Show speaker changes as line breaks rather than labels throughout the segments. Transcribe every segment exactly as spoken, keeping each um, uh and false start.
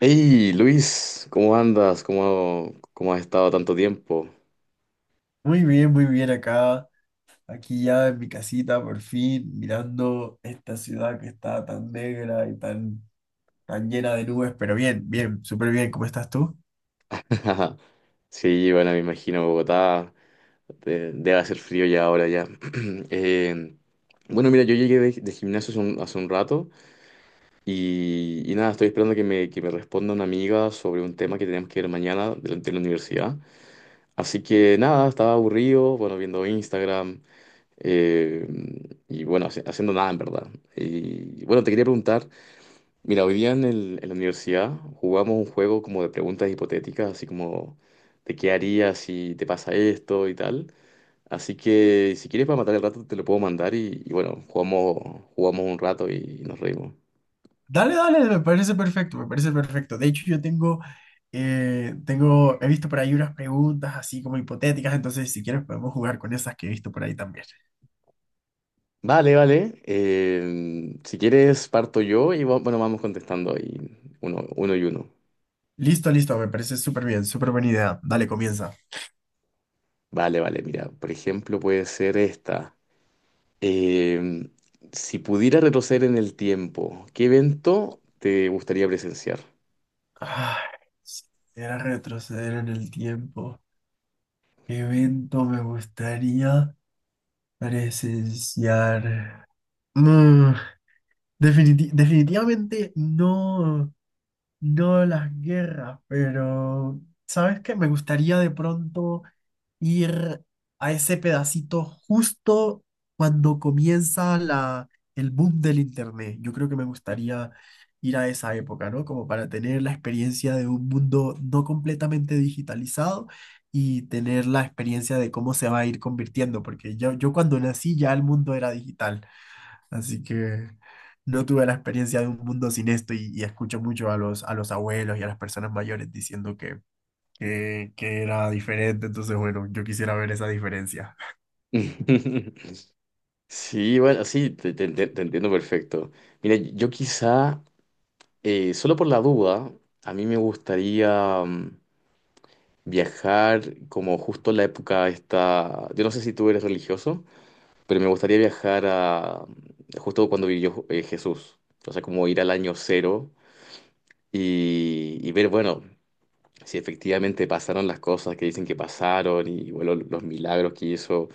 Hey, Luis, ¿cómo andas? ¿Cómo, cómo has estado tanto tiempo?
Muy bien, muy bien acá, aquí ya en mi casita, por fin, mirando esta ciudad que está tan negra y tan, tan llena de nubes, pero bien, bien, súper bien, ¿cómo estás tú?
Sí, bueno, me imagino Bogotá, de- debe hacer frío ya ahora ya. Eh, bueno, mira, yo llegué de, de gimnasio hace un, hace un rato y, y nada, estoy esperando que me, que me responda una amiga sobre un tema que tenemos que ver mañana de, la de la universidad. Así que nada, estaba aburrido, bueno, viendo Instagram eh, y bueno, hace- haciendo nada en verdad. Y bueno, te quería preguntar. Mira, hoy día en el- en la universidad jugamos un juego como de preguntas hipotéticas, así como de qué harías si te pasa esto y tal. Así que si quieres para matar el rato te lo puedo mandar y, y bueno, jugamos, jugamos un rato y nos reímos.
Dale, dale, me parece perfecto, me parece perfecto. De hecho, yo tengo, eh, tengo, he visto por ahí unas preguntas así como hipotéticas, entonces si quieres podemos jugar con esas que he visto por ahí también.
Vale, vale. Eh, si quieres parto yo y va- bueno, vamos contestando ahí uno, uno y uno.
Listo, listo, me parece súper bien, súper buena idea. Dale, comienza.
Vale, vale, mira, por ejemplo puede ser esta. Em, si pudiera retroceder en el tiempo, ¿qué evento te gustaría presenciar?
Ay, si pudiera retroceder en el tiempo, ¿qué evento me gustaría? Pareces Yar. Mm, definiti- definitivamente no, no las guerras, pero ¿sabes qué? Me gustaría de pronto ir a ese pedacito justo cuando comienza la, el boom del internet. Yo creo que me gustaría ir a esa época, ¿no? Como para tener la experiencia de un mundo no completamente digitalizado y tener la experiencia de cómo se va a ir convirtiendo, porque yo, yo cuando nací ya el mundo era digital, así que... No tuve la experiencia de un mundo sin esto y, y escucho mucho a los, a los abuelos y a las personas mayores diciendo que, que, que era diferente. Entonces, bueno, yo quisiera ver esa diferencia.
Sí, bueno, sí, te, te- te- te entiendo perfecto. Mira, yo quizá, eh, solo por la duda, a mí me gustaría mm, viajar como justo en la época esta, yo no sé si tú eres religioso, pero me gustaría viajar a mm, justo cuando vivió eh, Jesús, o sea, como ir al año cero y, y ver, bueno. Si efectivamente pasaron las cosas que dicen que pasaron y bueno, los milagros que hizo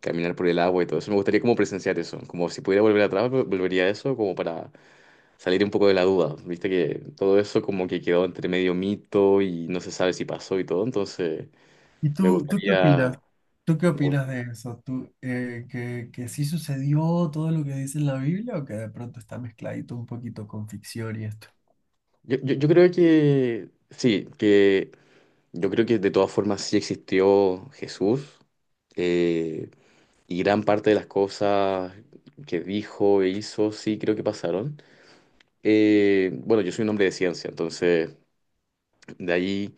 caminar por el agua y todo eso. Me gustaría como presenciar eso, como si pudiera volver atrás, vol- volvería a eso como para salir un poco de la duda. Viste que todo eso como que quedó entre medio mito y no se sabe si pasó y todo, entonces
¿Y
me
tú, tú qué
gustaría...
opinas? ¿Tú qué
Yo,
opinas de eso? ¿Tú, eh, que, que sí sucedió todo lo que dice en la Biblia o que de pronto está mezcladito un poquito con ficción y esto?
yo, yo creo que sí, que yo creo que de todas formas sí existió Jesús. Eh, Y gran parte de las cosas que dijo e hizo, sí, creo que pasaron. Eh, bueno, yo soy un hombre de ciencia, entonces de ahí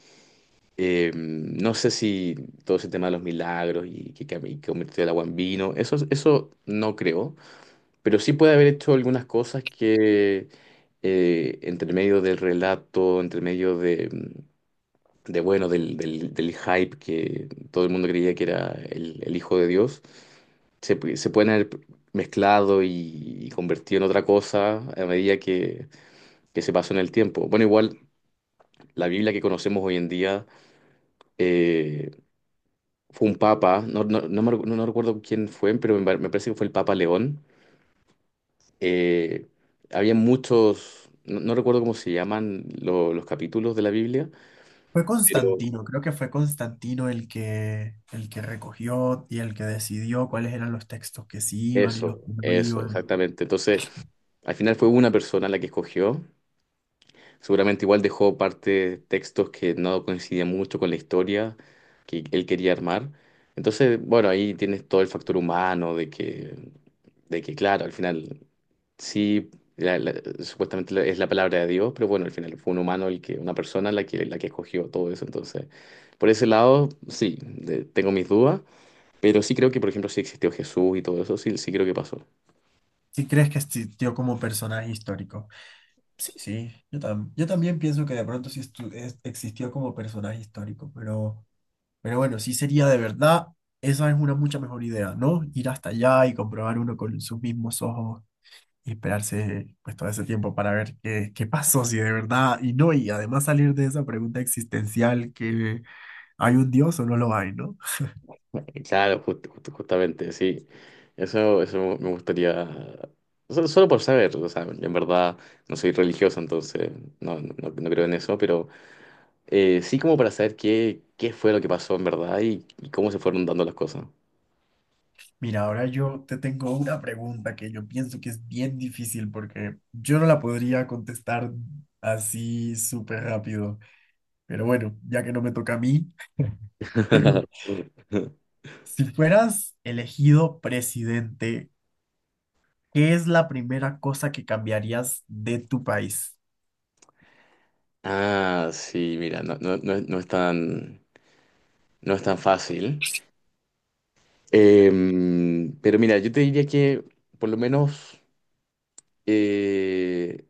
eh, no sé si todo ese tema de los milagros y que, cam- y convirtió el agua en vino, eso, eso no creo, pero sí puede haber hecho algunas cosas que eh, entre medio del relato, entre medio de, de bueno, del, del- del hype que todo el mundo creía que era el, el hijo de Dios, se, pu- se pueden haber mezclado y, y convertido en otra cosa a medida que, que se pasó en el tiempo. Bueno, igual la Biblia que conocemos hoy en día eh, fue un papa, no, no, no me recu- no- no recuerdo quién fue, pero me, par- me parece que fue el Papa León. Eh, había muchos, no, no recuerdo cómo se llaman lo- los capítulos de la Biblia,
Fue
pero
Constantino, creo que fue Constantino el que, el que recogió y el que decidió cuáles eran los textos que sí iban y los
eso,
que no
eso,
iban.
exactamente. Entonces... Al final fue una persona la que escogió. Seguramente igual dejó parte textos que no coincidían mucho con la historia que él quería armar. Entonces, bueno, ahí tienes todo el factor humano de que, de que claro, al final sí, la- la- supuestamente la- es la palabra de Dios, pero bueno, al final fue un humano el que, una persona la que, la que escogió todo eso. Entonces, por ese lado, sí, de- tengo mis dudas, pero sí creo que, por ejemplo, sí existió Jesús y todo eso, sí, sí creo que pasó.
¿Sí crees que existió como personaje histórico? Sí, sí, yo, tam- yo también pienso que de pronto sí estu- es- existió como personaje histórico, pero, pero bueno, sí sería de verdad, esa es una mucha mejor idea, ¿no? Ir hasta allá y comprobar uno con sus mismos ojos y esperarse pues todo ese tiempo para ver qué, qué pasó, si de verdad, y no, y además salir de esa pregunta existencial que hay un Dios o no lo hay, ¿no?
Claro, jus- jus- justamente, sí. Eso, eso me gustaría, solo, solo por saber, o sea, en verdad no soy religioso, entonces no, no, no creo en eso, pero eh, sí como para saber qué, qué fue lo que pasó en verdad y, y cómo se fueron dando las cosas.
Mira, ahora yo te tengo una pregunta que yo pienso que es bien difícil porque yo no la podría contestar así súper rápido, pero bueno, ya que no me toca a mí, si fueras elegido presidente, ¿qué es la primera cosa que cambiarías de tu país?
Ah, sí, mira, no, no, no es, no es tan, no es tan fácil. Em, pero mira, yo te diría que por lo menos eh,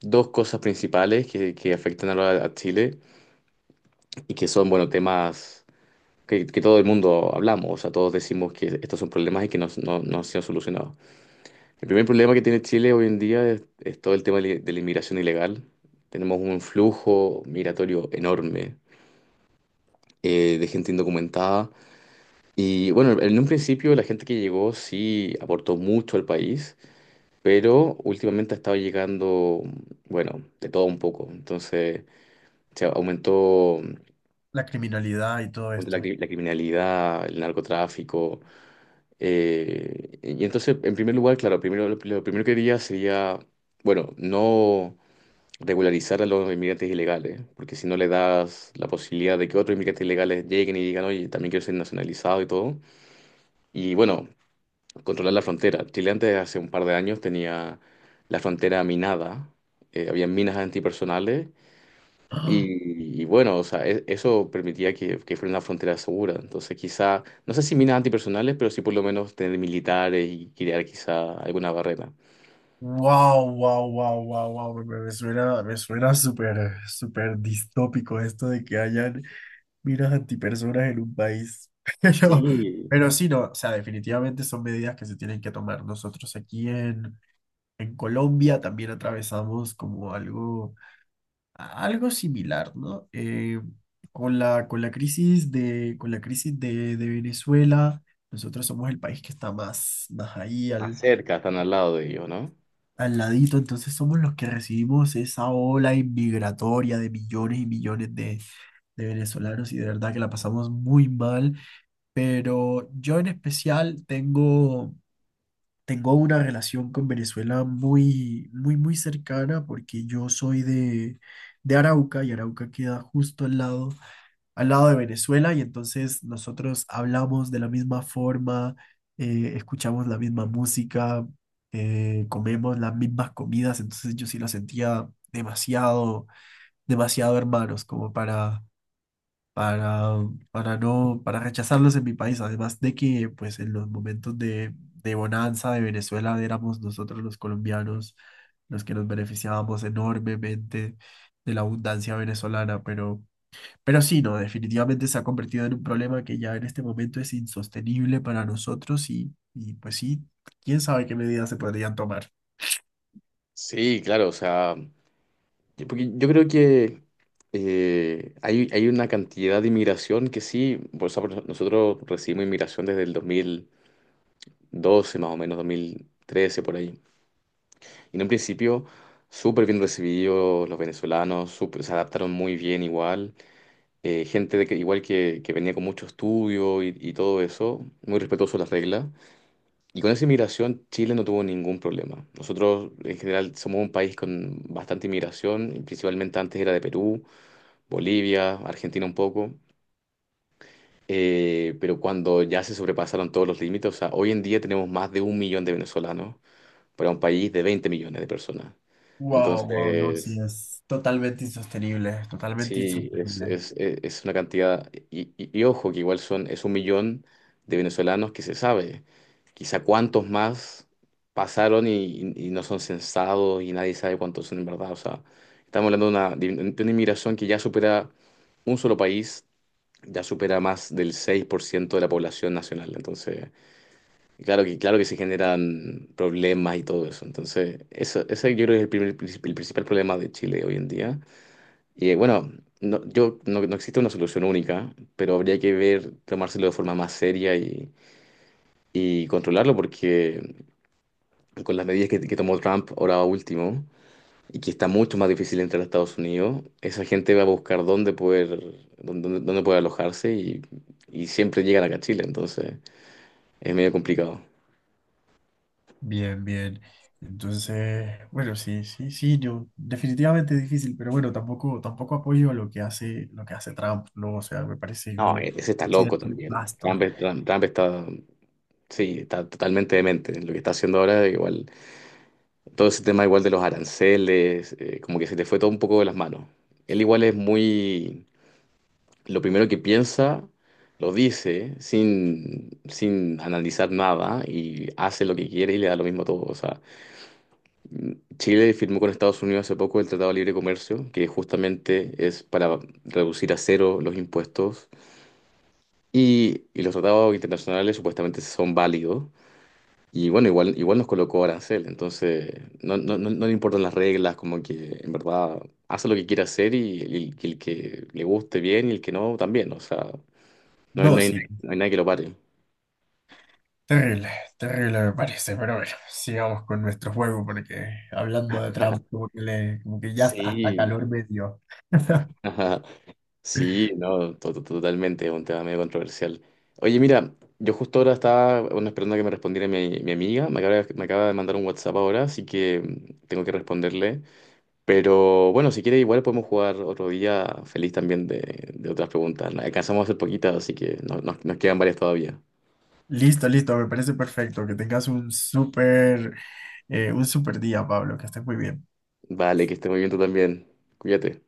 dos cosas principales que, que afectan a, la- a Chile. Y que son, bueno, temas que, que todo el mundo hablamos, o sea, todos decimos que estos son problemas y que no, no, no han sido solucionados. El primer problema que tiene Chile hoy en día es, es todo el tema de, de la inmigración ilegal. Tenemos un flujo migratorio enorme eh, de gente indocumentada. Y bueno, en un principio la gente que llegó sí aportó mucho al país, pero últimamente ha estado llegando, bueno, de todo un poco. Entonces, se aumentó
La criminalidad y todo
la,
esto.
cri- la criminalidad, el narcotráfico. Eh, y entonces, en primer lugar, claro, primero, lo, lo primero que diría sería, bueno, no regularizar a los inmigrantes ilegales, porque si no le das la posibilidad de que otros inmigrantes ilegales lleguen y digan, oye, también quiero ser nacionalizado y todo. Y bueno, controlar la frontera. Chile antes, hace un par de años, tenía la frontera minada, eh, había minas antipersonales y, y bueno, o sea, e- eso permitía que, que fuera una frontera segura. Entonces, quizá, no sé si minas antipersonales, pero sí por lo menos tener militares y crear quizá alguna barrera.
Wow, wow, wow, wow, wow, me, me- me suena, me suena súper, súper distópico esto de que hayan minas antipersonas en un país. Pero,
Sí,
pero sí, no, o sea, definitivamente son medidas que se tienen que tomar. Nosotros aquí en, en Colombia también atravesamos como algo, algo similar, ¿no? Eh, con la, con la crisis de, con la crisis de, de Venezuela, nosotros somos el país que está más, más ahí
más cerca, están al lado de ellos, ¿no?
al ladito, entonces somos los que recibimos esa ola inmigratoria de millones y millones de, de venezolanos y de verdad que la pasamos muy mal, pero yo en especial tengo, tengo una relación con Venezuela muy, muy, muy cercana porque yo soy de, de Arauca y Arauca queda justo al lado al lado de Venezuela y entonces nosotros hablamos de la misma forma, eh, escuchamos la misma música, eh, comemos las mismas comidas, entonces yo sí lo sentía demasiado, demasiado hermanos como para, para, para no, para rechazarlos en mi país, además de que pues en los momentos de, de bonanza de Venezuela éramos nosotros los colombianos los que nos beneficiábamos enormemente de la abundancia venezolana, pero... Pero sí, no, definitivamente se ha convertido en un problema que ya en este momento es insostenible para nosotros y, y pues sí, quién sabe qué medidas se podrían tomar.
Sí, claro, o sea, yo, porque yo creo que eh, hay, hay una cantidad de inmigración que sí, por nosotros recibimos inmigración desde el dos mil doce más o menos, dos mil trece por ahí. En un principio, súper bien recibidos los venezolanos, súper- se adaptaron muy bien igual. Eh, gente de que, igual que, que venía con mucho estudio y, y todo eso, muy respetuoso de las reglas. Y con esa inmigración, Chile no tuvo ningún problema. Nosotros, en general, somos un país con bastante inmigración, y principalmente antes era de Perú, Bolivia, Argentina un poco. Eh, pero cuando ya se sobrepasaron todos los límites, o sea, hoy en día tenemos más de un millón de venezolanos para un país de veinte millones de personas.
Wow, wow, no, sí,
Entonces,
es totalmente insostenible, totalmente
sí, es,
insostenible.
es, es- es una cantidad, y, y- y ojo, que igual son, es un millón de venezolanos que se sabe. Quizá cuántos más pasaron y, y- y no son censados y nadie sabe cuántos son en verdad. O sea, estamos hablando de una, de un- de una inmigración que ya supera un solo país, ya supera más del seis por ciento de la población nacional. Entonces, claro que, claro que se generan problemas y todo eso. Entonces, eso, ese yo creo que es el primer- el principal problema de Chile hoy en día y eh, bueno, no, yo, no, no existe una solución única, pero habría que ver, tomárselo de forma más seria y, y controlarlo, porque con las medidas que, que tomó Trump ahora último, y que está mucho más difícil entrar a Estados Unidos, esa gente va a buscar dónde poder, dónde, dónde- dónde poder alojarse y, y siempre llegan acá a Chile, entonces es medio complicado.
Bien, bien. Entonces, bueno, sí, sí, sí, yo definitivamente es difícil, pero bueno, tampoco, tampoco apoyo lo que hace, lo que hace Trump, ¿no? O sea, me parece
No,
un
e- ese está
un
loco
cierto
también. Trump,
nefasto.
Trump- Trump está, sí, está totalmente demente. Lo que está haciendo ahora igual. Todo ese tema igual de los aranceles, eh, como que se le fue todo un poco de las manos. Él igual es muy, lo primero que piensa, lo dice sin, sin analizar nada y hace lo que quiere y le da lo mismo a todo. O sea, Chile firmó con Estados Unidos hace poco el Tratado de Libre Comercio, que justamente es para reducir a cero los impuestos y, y los tratados internacionales supuestamente son válidos. Y bueno, igual, igual nos colocó arancel, entonces no, no, no, no le importan las reglas, como que en verdad hace lo que quiere hacer y, el que el que le guste bien y el que no también, o sea, no hay,
No,
no hay, nadie
sí,
no hay nadie que lo pare.
terrible, terrible me parece, pero bueno, sigamos con nuestro juego porque hablando de Trump, como que, le- como que ya hasta
Sí,
calor me dio.
ajá, sí, no, to- to- totalmente, es un tema medio controversial. Oye, mira, yo justo ahora estaba bueno, esperando a que me respondiera mi, mi amiga, me acaba, de- me acaba de mandar un WhatsApp ahora, así que mm, tengo que responderle. Pero bueno, si quieres, igual podemos jugar otro día feliz también de, de otras preguntas. Las alcanzamos a hacer poquitas, así que no- nos nos quedan varias todavía.
Listo, listo, me parece perfecto. Que tengas un súper eh, un súper día, Pablo, que estés muy bien.
Vale, que esté muy bien tú también. Cuídate.